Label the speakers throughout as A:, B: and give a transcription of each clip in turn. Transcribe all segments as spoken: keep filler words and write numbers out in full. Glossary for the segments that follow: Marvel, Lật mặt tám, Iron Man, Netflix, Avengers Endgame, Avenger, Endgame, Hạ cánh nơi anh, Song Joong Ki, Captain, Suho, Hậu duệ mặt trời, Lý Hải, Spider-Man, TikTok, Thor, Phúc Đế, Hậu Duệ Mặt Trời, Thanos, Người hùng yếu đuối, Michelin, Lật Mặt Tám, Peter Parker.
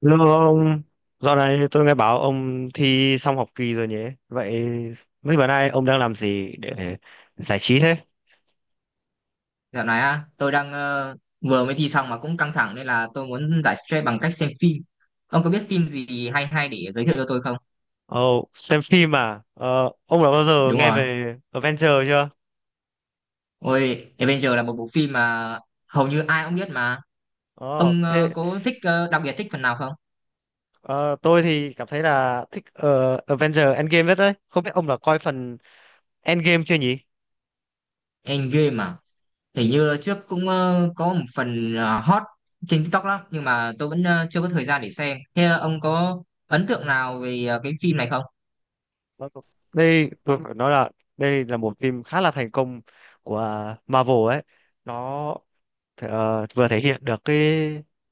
A: Lương ông, dạo này tôi nghe bảo ông thi xong học kỳ rồi nhỉ? Vậy mấy bữa nay ông đang làm gì để giải trí thế?
B: Dạo này á, tôi đang ờ, vừa mới thi xong mà cũng căng thẳng nên là tôi muốn giải stress bằng cách xem phim. Ông có biết phim gì hay hay để giới thiệu cho tôi không?
A: Ồ, xem phim à? Ờ, ông đã bao giờ
B: Đúng
A: nghe
B: rồi.
A: về Avenger chưa?
B: Ôi, Avenger là một bộ phim mà hầu như ai cũng biết mà.
A: Ồ,
B: Ông
A: thế
B: ờ, có thích ờ, đặc biệt thích phần nào không?
A: ờ, tôi thì cảm thấy là thích ờ, Avenger Endgame nhất đấy. Không biết ông đã coi phần Endgame chưa nhỉ?
B: Endgame à? Hình như trước cũng ờ, có một phần ờ, hot trên TikTok lắm nhưng mà tôi vẫn ờ, chưa có thời gian để xem. Thế ờ, ông có ấn tượng nào về ờ, cái phim này không?
A: Vâng. Đây, tôi phải nói là đây là một phim khá là thành công của Marvel ấy. Nó th- ờ, vừa thể hiện được cái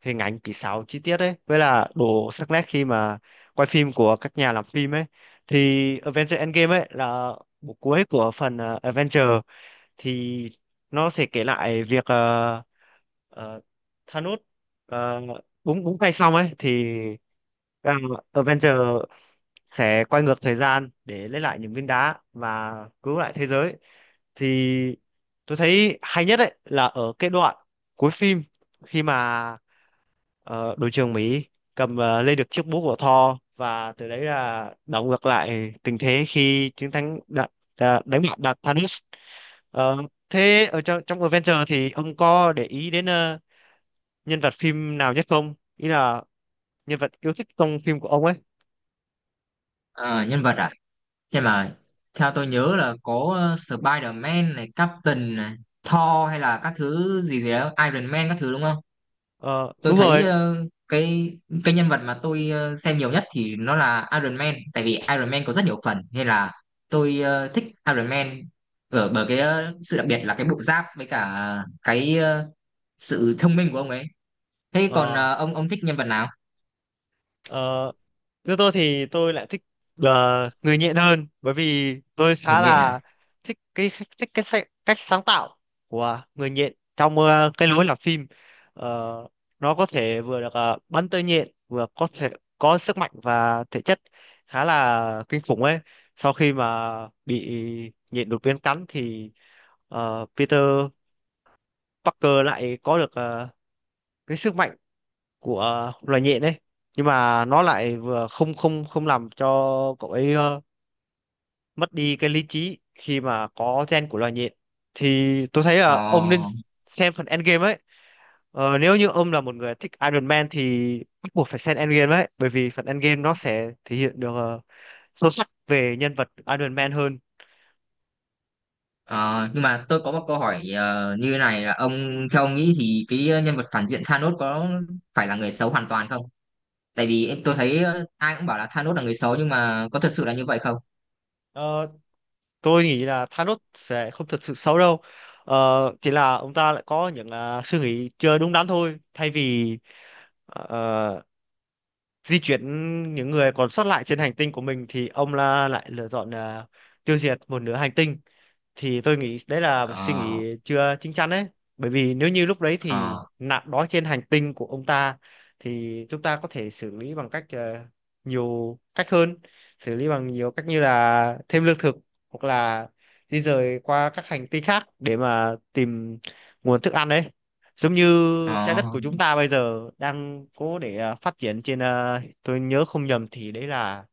A: hình ảnh kỹ xảo chi tiết ấy với là độ sắc nét khi mà quay phim của các nhà làm phim ấy thì Avengers Endgame ấy là bộ cuối của phần ờ, Avengers thì nó sẽ kể lại việc ờ, ờ, Thanos ờ, búng búng tay xong ấy thì uh, Avengers sẽ quay ngược thời gian để lấy lại những viên đá và cứu lại thế giới thì tôi thấy hay nhất ấy là ở cái đoạn cuối phim khi mà ờ, đội trưởng Mỹ cầm ờ, lên được chiếc búa của Thor, và từ đấy là đảo ngược lại tình thế khi chiến thắng đạt đà- đánh bại đạt Thanos. Ờ, thế ở trong trong Avengers thì ông có để ý đến ờ, nhân vật phim nào nhất không, ý là nhân vật yêu thích trong phim của ông ấy.
B: Ờ, Nhân vật à? Nhưng mà theo tôi nhớ là có ờ, Spider-Man này, Captain này, Thor hay là các thứ gì gì đó, Iron Man các thứ đúng không?
A: Ờ,
B: Tôi
A: đúng
B: thấy
A: rồi.
B: ờ, cái cái nhân vật mà tôi ờ, xem nhiều nhất thì nó là Iron Man, tại vì Iron Man có rất nhiều phần nên là tôi ờ, thích Iron Man ở bởi cái ờ, sự đặc biệt là cái bộ giáp với cả cái ờ, sự thông minh của ông ấy. Thế còn
A: Ờ,
B: ờ, ông ông thích nhân vật nào?
A: ờ, Như tôi thì tôi lại thích là người nhện hơn, bởi vì tôi
B: Hình
A: khá
B: như là.
A: là thích cái thích cái sa- cách sáng tạo của người nhện trong ờ, cái lối làm phim. Ờ, nó có thể vừa được ờ, bắn tơi nhện, vừa có thể có sức mạnh và thể chất khá là kinh khủng ấy. Sau khi mà bị nhện đột biến cắn thì ờ, Peter Parker lại có được ờ, cái sức mạnh của loài nhện ấy, nhưng mà nó lại vừa không không không làm cho cậu ấy ờ, mất đi cái lý trí khi mà có gen của loài nhện. Thì tôi thấy
B: Ồ.
A: là ông nên xem phần Endgame ấy. ờ, nếu như ông là một người thích Iron Man thì bắt buộc phải xem Endgame ấy, bởi vì phần Endgame nó sẽ thể hiện được ờ, sâu sắc về nhân vật Iron Man hơn.
B: Ờ, nhưng mà tôi có một câu hỏi ờ, như này là ông theo ông nghĩ thì cái nhân vật phản diện Thanos có phải là người xấu hoàn toàn không? Tại vì em tôi thấy ờ, ai cũng bảo là Thanos là người xấu nhưng mà có thật sự là như vậy không?
A: Ờ, tôi nghĩ là Thanos sẽ không thật sự xấu đâu. Ờ, chỉ là ông ta lại có những à, suy nghĩ chưa đúng đắn thôi. Thay vì ờ, ờ, di chuyển những người còn sót lại trên hành tinh của mình thì ông là lại lựa chọn là tiêu diệt một nửa hành tinh. Thì tôi nghĩ đấy là một suy
B: Ờ,
A: nghĩ chưa chín chắn đấy, bởi vì nếu như lúc đấy thì
B: ờ,
A: nạn đói trên hành tinh của ông ta thì chúng ta có thể xử lý bằng cách ờ, nhiều cách hơn, xử lý bằng nhiều cách như là thêm lương thực, hoặc là di rời qua các hành tinh khác để mà tìm nguồn thức ăn đấy, giống như trái
B: ờ,
A: đất của chúng ta bây giờ đang cố để à, phát triển trên, à, tôi nhớ không nhầm thì đấy là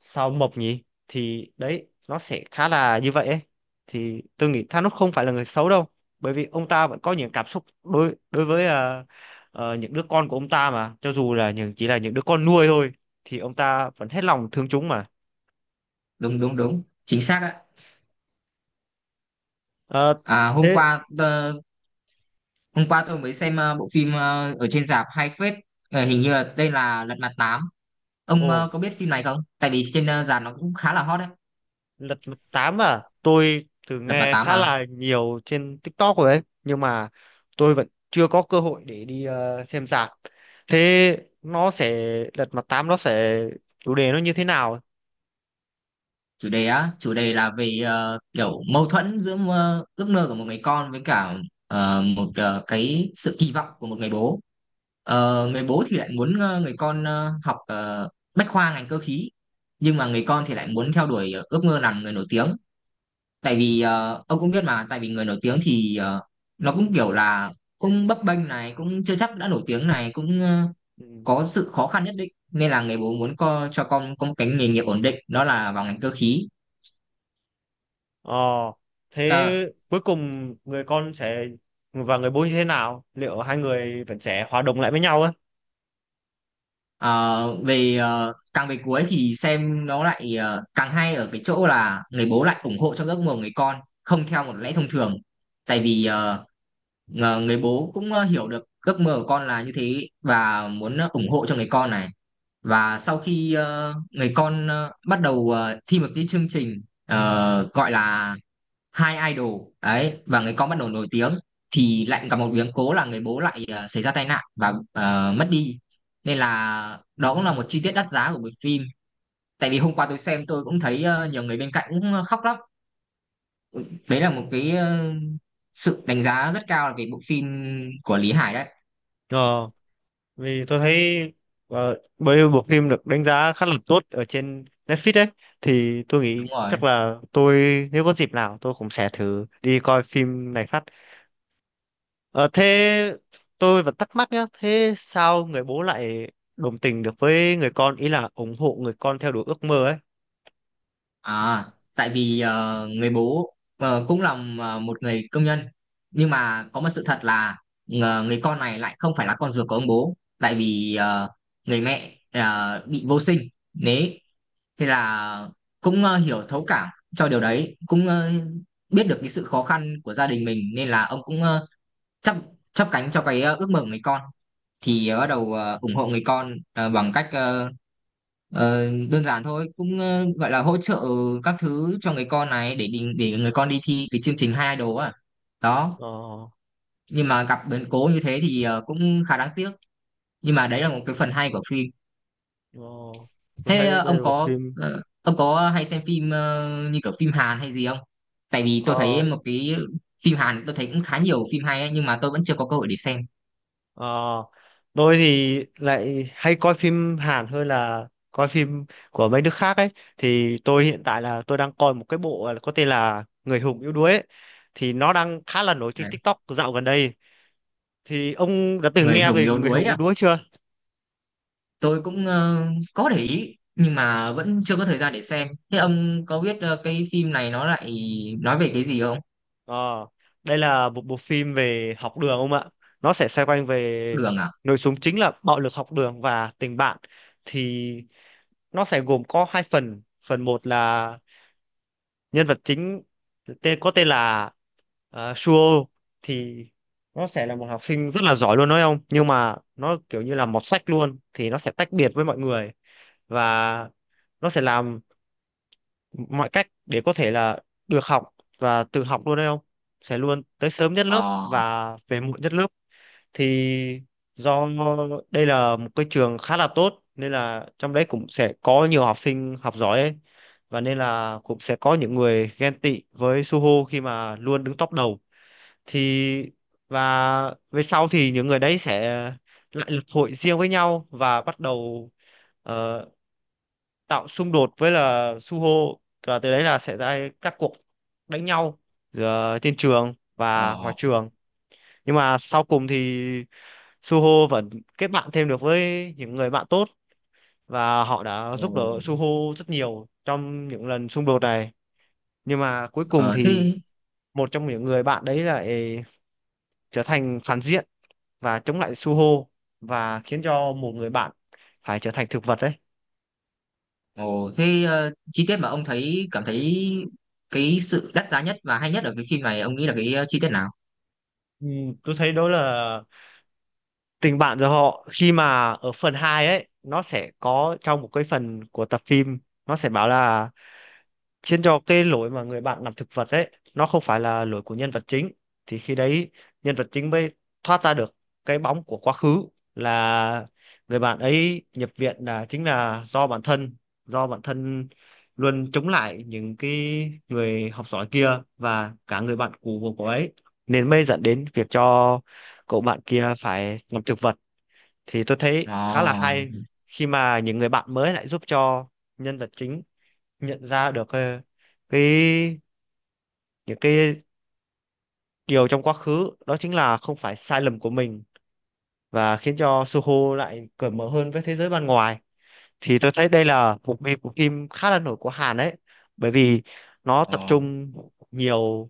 A: sao Mộc nhỉ, thì đấy nó sẽ khá là như vậy ấy. Thì tôi nghĩ Thanos không phải là người xấu đâu, bởi vì ông ta vẫn có những cảm xúc đối đối với à, ờ, những đứa con của ông ta mà, cho dù là những chỉ là những đứa con nuôi thôi thì ông ta vẫn hết lòng thương chúng mà.
B: đúng đúng đúng, chính xác ạ.
A: Ờ,
B: À, hôm
A: thế
B: qua ờ, hôm qua tôi mới xem ờ, bộ phim ờ, ở trên rạp hay phết. Ờ, hình như là tên là Lật Mặt Tám.
A: ồ,
B: Ông ờ, có biết phim này không? Tại vì trên ờ, rạp nó cũng khá là hot đấy,
A: Lật Mặt Tám à? Tôi từng
B: Lật Mặt
A: nghe
B: Tám
A: khá
B: mà.
A: là nhiều trên TikTok rồi ấy, nhưng mà tôi vẫn chưa có cơ hội để đi ờ, xem rạp. Thế nó sẽ lật mặt tám nó sẽ chủ đề nó như thế nào?
B: Chủ đề á, chủ đề là về ờ, kiểu mâu thuẫn giữa mơ, ước mơ của một người con với cả ờ, một ờ, cái sự kỳ vọng của một người bố. Ờ, người bố thì lại muốn ờ, người con ờ, học ờ, bách khoa ngành cơ khí, nhưng mà người con thì lại muốn theo đuổi ờ, ước mơ làm người nổi tiếng. Tại vì ờ, ông cũng biết mà, tại vì người nổi tiếng thì ờ, nó cũng kiểu là cũng bấp bênh này, cũng chưa chắc đã nổi tiếng này, cũng ờ,
A: Ừ.
B: có sự khó khăn nhất định, nên là người bố muốn co, cho con có một cái nghề nghiệp ổn định đó là vào ngành cơ khí.
A: Ờ, thế
B: Ờ,
A: cuối cùng người con sẽ và người bố như thế nào? Liệu hai người vẫn sẽ hòa đồng lại với nhau ấy?
B: Ờ, Về ờ, càng về cuối thì xem nó lại ờ, càng hay ở cái chỗ là người bố lại ủng hộ trong giấc mơ của người con, không theo một lẽ thông thường, tại vì ờ, ngờ- người bố cũng ờ, hiểu được giấc mơ của con là như thế và muốn ờ, ủng hộ cho người con này. Và sau khi ờ, người con ờ, bắt đầu ờ, thi một cái chương trình ờ, gọi là hai idol ấy và người con bắt đầu nổi tiếng, thì lại gặp một biến cố là người bố lại ờ, xảy ra tai nạn và ờ, mất đi, nên là đó cũng là một chi tiết đắt giá của bộ phim. Tại vì hôm qua tôi xem tôi cũng thấy ờ, nhiều người bên cạnh cũng khóc lắm. Đấy là một cái ờ, sự đánh giá rất cao về bộ phim của Lý Hải đấy.
A: Ờ. Vì tôi thấy ờ, bởi vì bộ phim được đánh giá khá là tốt ở trên Netflix ấy, thì tôi nghĩ
B: Đúng rồi.
A: chắc là tôi, nếu có dịp nào tôi cũng sẽ thử đi coi phim này phát. Ờ, thế tôi vẫn thắc mắc nhá, thế sao người bố lại đồng tình được với người con, ý là ủng hộ người con theo đuổi ước mơ ấy.
B: À, tại vì ờ, người bố ờ, cũng là ờ, một người công nhân, nhưng mà có một sự thật là ờ, người con này lại không phải là con ruột của ông bố, tại vì ờ, người mẹ ờ, bị vô sinh. Đấy, thế là cũng ờ, hiểu thấu cảm cho điều đấy, cũng ờ, biết được cái sự khó khăn của gia đình mình nên là ông cũng ờ, chấp chấp cánh cho cái ờ, ước mơ của người con. Thì ờ, bắt đầu ờ, ủng hộ người con ờ, bằng cách ờ, ờ, đơn giản thôi, cũng ờ, gọi là hỗ trợ các thứ cho người con này để đi- để người con đi thi cái chương trình hai đồ á. Đó,
A: ờ,
B: nhưng mà gặp biến cố như thế thì ờ, cũng khá đáng tiếc, nhưng mà đấy là một cái phần hay của phim.
A: ờ, tôi
B: Thế
A: thấy
B: ờ,
A: đây
B: ông
A: là một
B: có
A: phim.
B: ờ, ông có hay xem phim ờ, như kiểu phim Hàn hay gì không? Tại vì tôi
A: Ờ
B: thấy một cái phim Hàn tôi thấy cũng khá nhiều phim hay ấy, nhưng mà tôi vẫn chưa có cơ hội để xem.
A: Ờ, tôi thì lại hay coi phim Hàn hơn là coi phim của mấy nước khác ấy. Thì tôi hiện tại là tôi đang coi một cái bộ có tên là Người hùng yếu đuối ấy. Thì nó đang khá là nổi trên
B: Đấy,
A: TikTok dạo gần đây. Thì ông đã từng
B: người
A: nghe
B: hùng
A: về
B: yếu
A: Người
B: đuối
A: hùng yếu
B: à,
A: đuối chưa?
B: tôi cũng ờ, có để ý nhưng mà vẫn chưa có thời gian để xem. Thế ông có biết ờ, cái phim này nó lại nói về cái gì không?
A: Ờ, đây là một bộ phim về học đường ông ạ. Nó sẽ xoay quanh về
B: Đường à?
A: nội dung chính là bạo lực học đường và tình bạn. Thì nó sẽ gồm có hai phần. Phần một là nhân vật chính tên có tên là ờ, Suo, thì nó sẽ là một học sinh rất là giỏi, luôn nói không, nhưng mà nó kiểu như là mọt sách luôn, thì nó sẽ tách biệt với mọi người, và nó sẽ làm mọi cách để có thể là được học, và tự học luôn đấy, không sẽ luôn tới sớm nhất lớp
B: ờ
A: và về muộn nhất lớp. Thì do đây là một cái trường khá là tốt nên là trong đấy cũng sẽ có nhiều học sinh học giỏi ấy, và nên là cũng sẽ có những người ghen tị với Suho khi mà luôn đứng top đầu. Thì và về sau thì những người đấy sẽ lại lập hội riêng với nhau và bắt đầu ờ, tạo xung đột với là Suho, và từ đấy là sẽ ra các cuộc đánh nhau giữa trên trường
B: ờ
A: và ngoài trường. Nhưng mà sau cùng thì Suho vẫn kết bạn thêm được với những người bạn tốt, và họ đã giúp đỡ
B: Ồ.
A: Suho rất nhiều trong những lần xung đột này. Nhưng mà cuối cùng
B: ờ
A: thì
B: Thế.
A: một trong những người bạn đấy lại trở thành phản diện và chống lại Suho, và khiến cho một người bạn phải trở thành thực vật đấy.
B: Ồ, thế ờ, chi tiết mà ông thấy cảm thấy cái sự đắt giá nhất và hay nhất ở cái phim này ông nghĩ là cái ờ, chi tiết nào?
A: Ừ, tôi thấy đó là tình bạn giữa họ. Khi mà ở phần hai ấy, nó sẽ có trong một cái phần của tập phim, nó sẽ bảo là khiến cho cái lỗi mà người bạn làm thực vật ấy nó không phải là lỗi của nhân vật chính. Thì khi đấy nhân vật chính mới thoát ra được cái bóng của quá khứ, là người bạn ấy nhập viện là chính là do bản thân do bản thân luôn chống lại những cái người học giỏi kia và cả người bạn cũ của cô ấy, nên mới dẫn đến việc cho cậu bạn kia phải làm thực vật. Thì tôi thấy khá là
B: ờ
A: hay khi mà những người bạn mới lại giúp cho nhân vật chính nhận ra được ờ, cái những cái điều trong quá khứ đó chính là không phải sai lầm của mình, và khiến cho Suho lại cởi mở hơn với thế giới bên ngoài. Thì tôi thấy đây là một mê- bộ phim khá là nổi của Hàn đấy, bởi vì nó tập
B: ờ
A: trung nhiều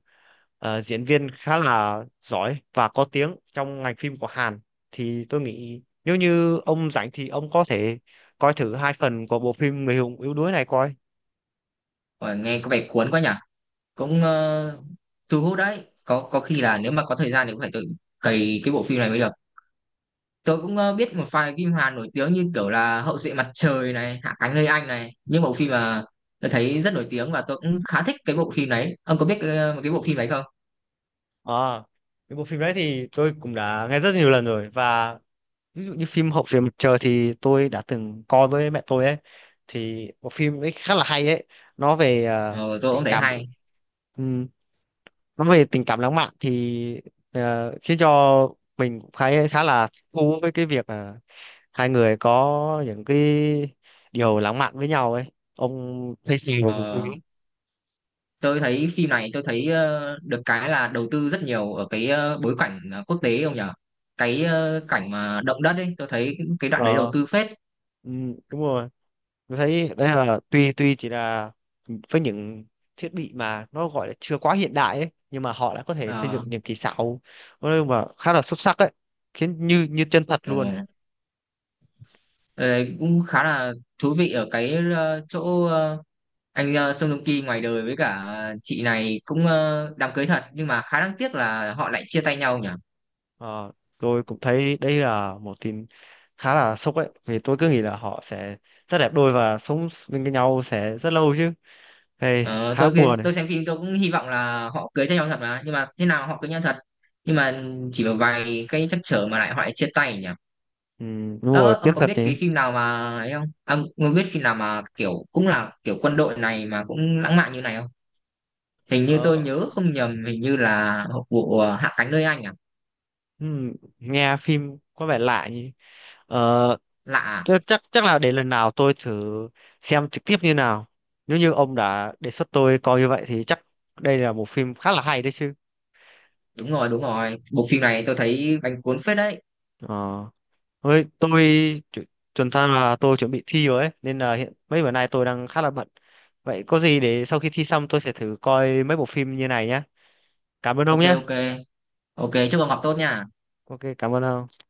A: ờ, diễn viên khá là giỏi và có tiếng trong ngành phim của Hàn. Thì tôi nghĩ nếu như ông rảnh thì ông có thể coi thử hai phần của bộ phim Người hùng yếu đuối này coi.
B: Ôi, nghe có vẻ cuốn quá nhỉ, cũng ờ, thu hút đấy. có có khi là nếu mà có thời gian thì cũng phải tự cày cái bộ phim này mới được. Tớ cũng ờ, biết một vài phim Hàn nổi tiếng như kiểu là Hậu duệ mặt trời này, Hạ cánh nơi anh này, những bộ phim mà tớ thấy rất nổi tiếng và tớ cũng khá thích cái bộ phim đấy. Ông có biết ờ, một cái bộ phim đấy không?
A: À, cái bộ phim đấy thì tôi cũng đã nghe rất nhiều lần rồi, và ví dụ như phim Hậu Duệ Mặt Trời thì tôi đã từng coi với mẹ tôi ấy. Thì bộ phim ấy khá là hay ấy. Nó về ờ,
B: Ờ, tôi cũng
A: tình
B: thấy
A: cảm,
B: hay.
A: ừm, nó về tình cảm lãng mạn, thì ờ, khiến cho mình cũng khá khá là thú với cái việc ờ, hai người có những cái điều lãng mạn với nhau ấy. Ông thấy sao về bộ phim
B: Ờ,
A: ấy?
B: tôi thấy phim này tôi thấy ờ, được cái là đầu tư rất nhiều ở cái ờ, bối cảnh ờ, quốc tế ông nhở? Cái ờ, cảnh mà động đất ấy, tôi thấy cái đoạn đấy đầu
A: ờ
B: tư phết.
A: ừm, đúng rồi, tôi thấy đấy là tuy tuy chỉ là với những thiết bị mà nó gọi là chưa quá hiện đại ấy, nhưng mà họ đã có thể xây dựng
B: Ờ,
A: những kỹ xảo nói mà khá là xuất sắc ấy, khiến như như chân thật luôn.
B: ờ, ờ, cũng khá là thú vị ở cái ờ, chỗ anh uh, Song Joong Ki ngoài đời với cả chị này cũng ờ, đám cưới thật, nhưng mà khá đáng tiếc là họ lại chia tay nhau nhỉ.
A: Ờ, tôi cũng thấy đây là một tin khá là sốc ấy, vì tôi cứ nghĩ là họ sẽ rất đẹp đôi và sống bên với nhau sẽ rất lâu chứ. Hey,
B: Ờ,
A: khá
B: tôi
A: buồn này.
B: tôi xem phim tôi cũng hy vọng là họ cưới nhau thật mà, nhưng mà thế nào họ cưới nhau thật, nhưng mà chỉ một vài cái trắc trở mà lại họ lại chia tay nhỉ.
A: Ừ, đúng rồi,
B: ờ, ông
A: tiếc
B: có
A: thật
B: biết
A: nhỉ.
B: cái phim nào mà ấy không, ông có biết phim nào mà kiểu cũng là kiểu quân đội này mà cũng lãng mạn như này không? Hình như tôi
A: Ờ,
B: nhớ không nhầm, hình như là vụ ờ, Hạ cánh nơi anh à.
A: ừ, nghe phim có vẻ lạ nhỉ. Ờ,
B: Lạ à?
A: thế chắc chắc là đến lần nào tôi thử xem trực tiếp như nào. Nếu như ông đã đề xuất tôi coi như vậy thì chắc đây là một phim khá là hay đấy chứ.
B: Đúng rồi, đúng rồi, bộ phim này tôi thấy bánh cuốn phết đấy.
A: Ờ, với tôi chu- chuẩn ra là tôi chuẩn bị thi rồi ấy, nên là hiện mấy bữa nay tôi đang khá là bận. Vậy có gì để sau khi thi xong tôi sẽ thử coi mấy bộ phim như này nhé. Cảm ơn ông
B: Ok,
A: nhé.
B: ok. Ok, chúc ông học tốt nha.
A: Ok, cảm ơn ông.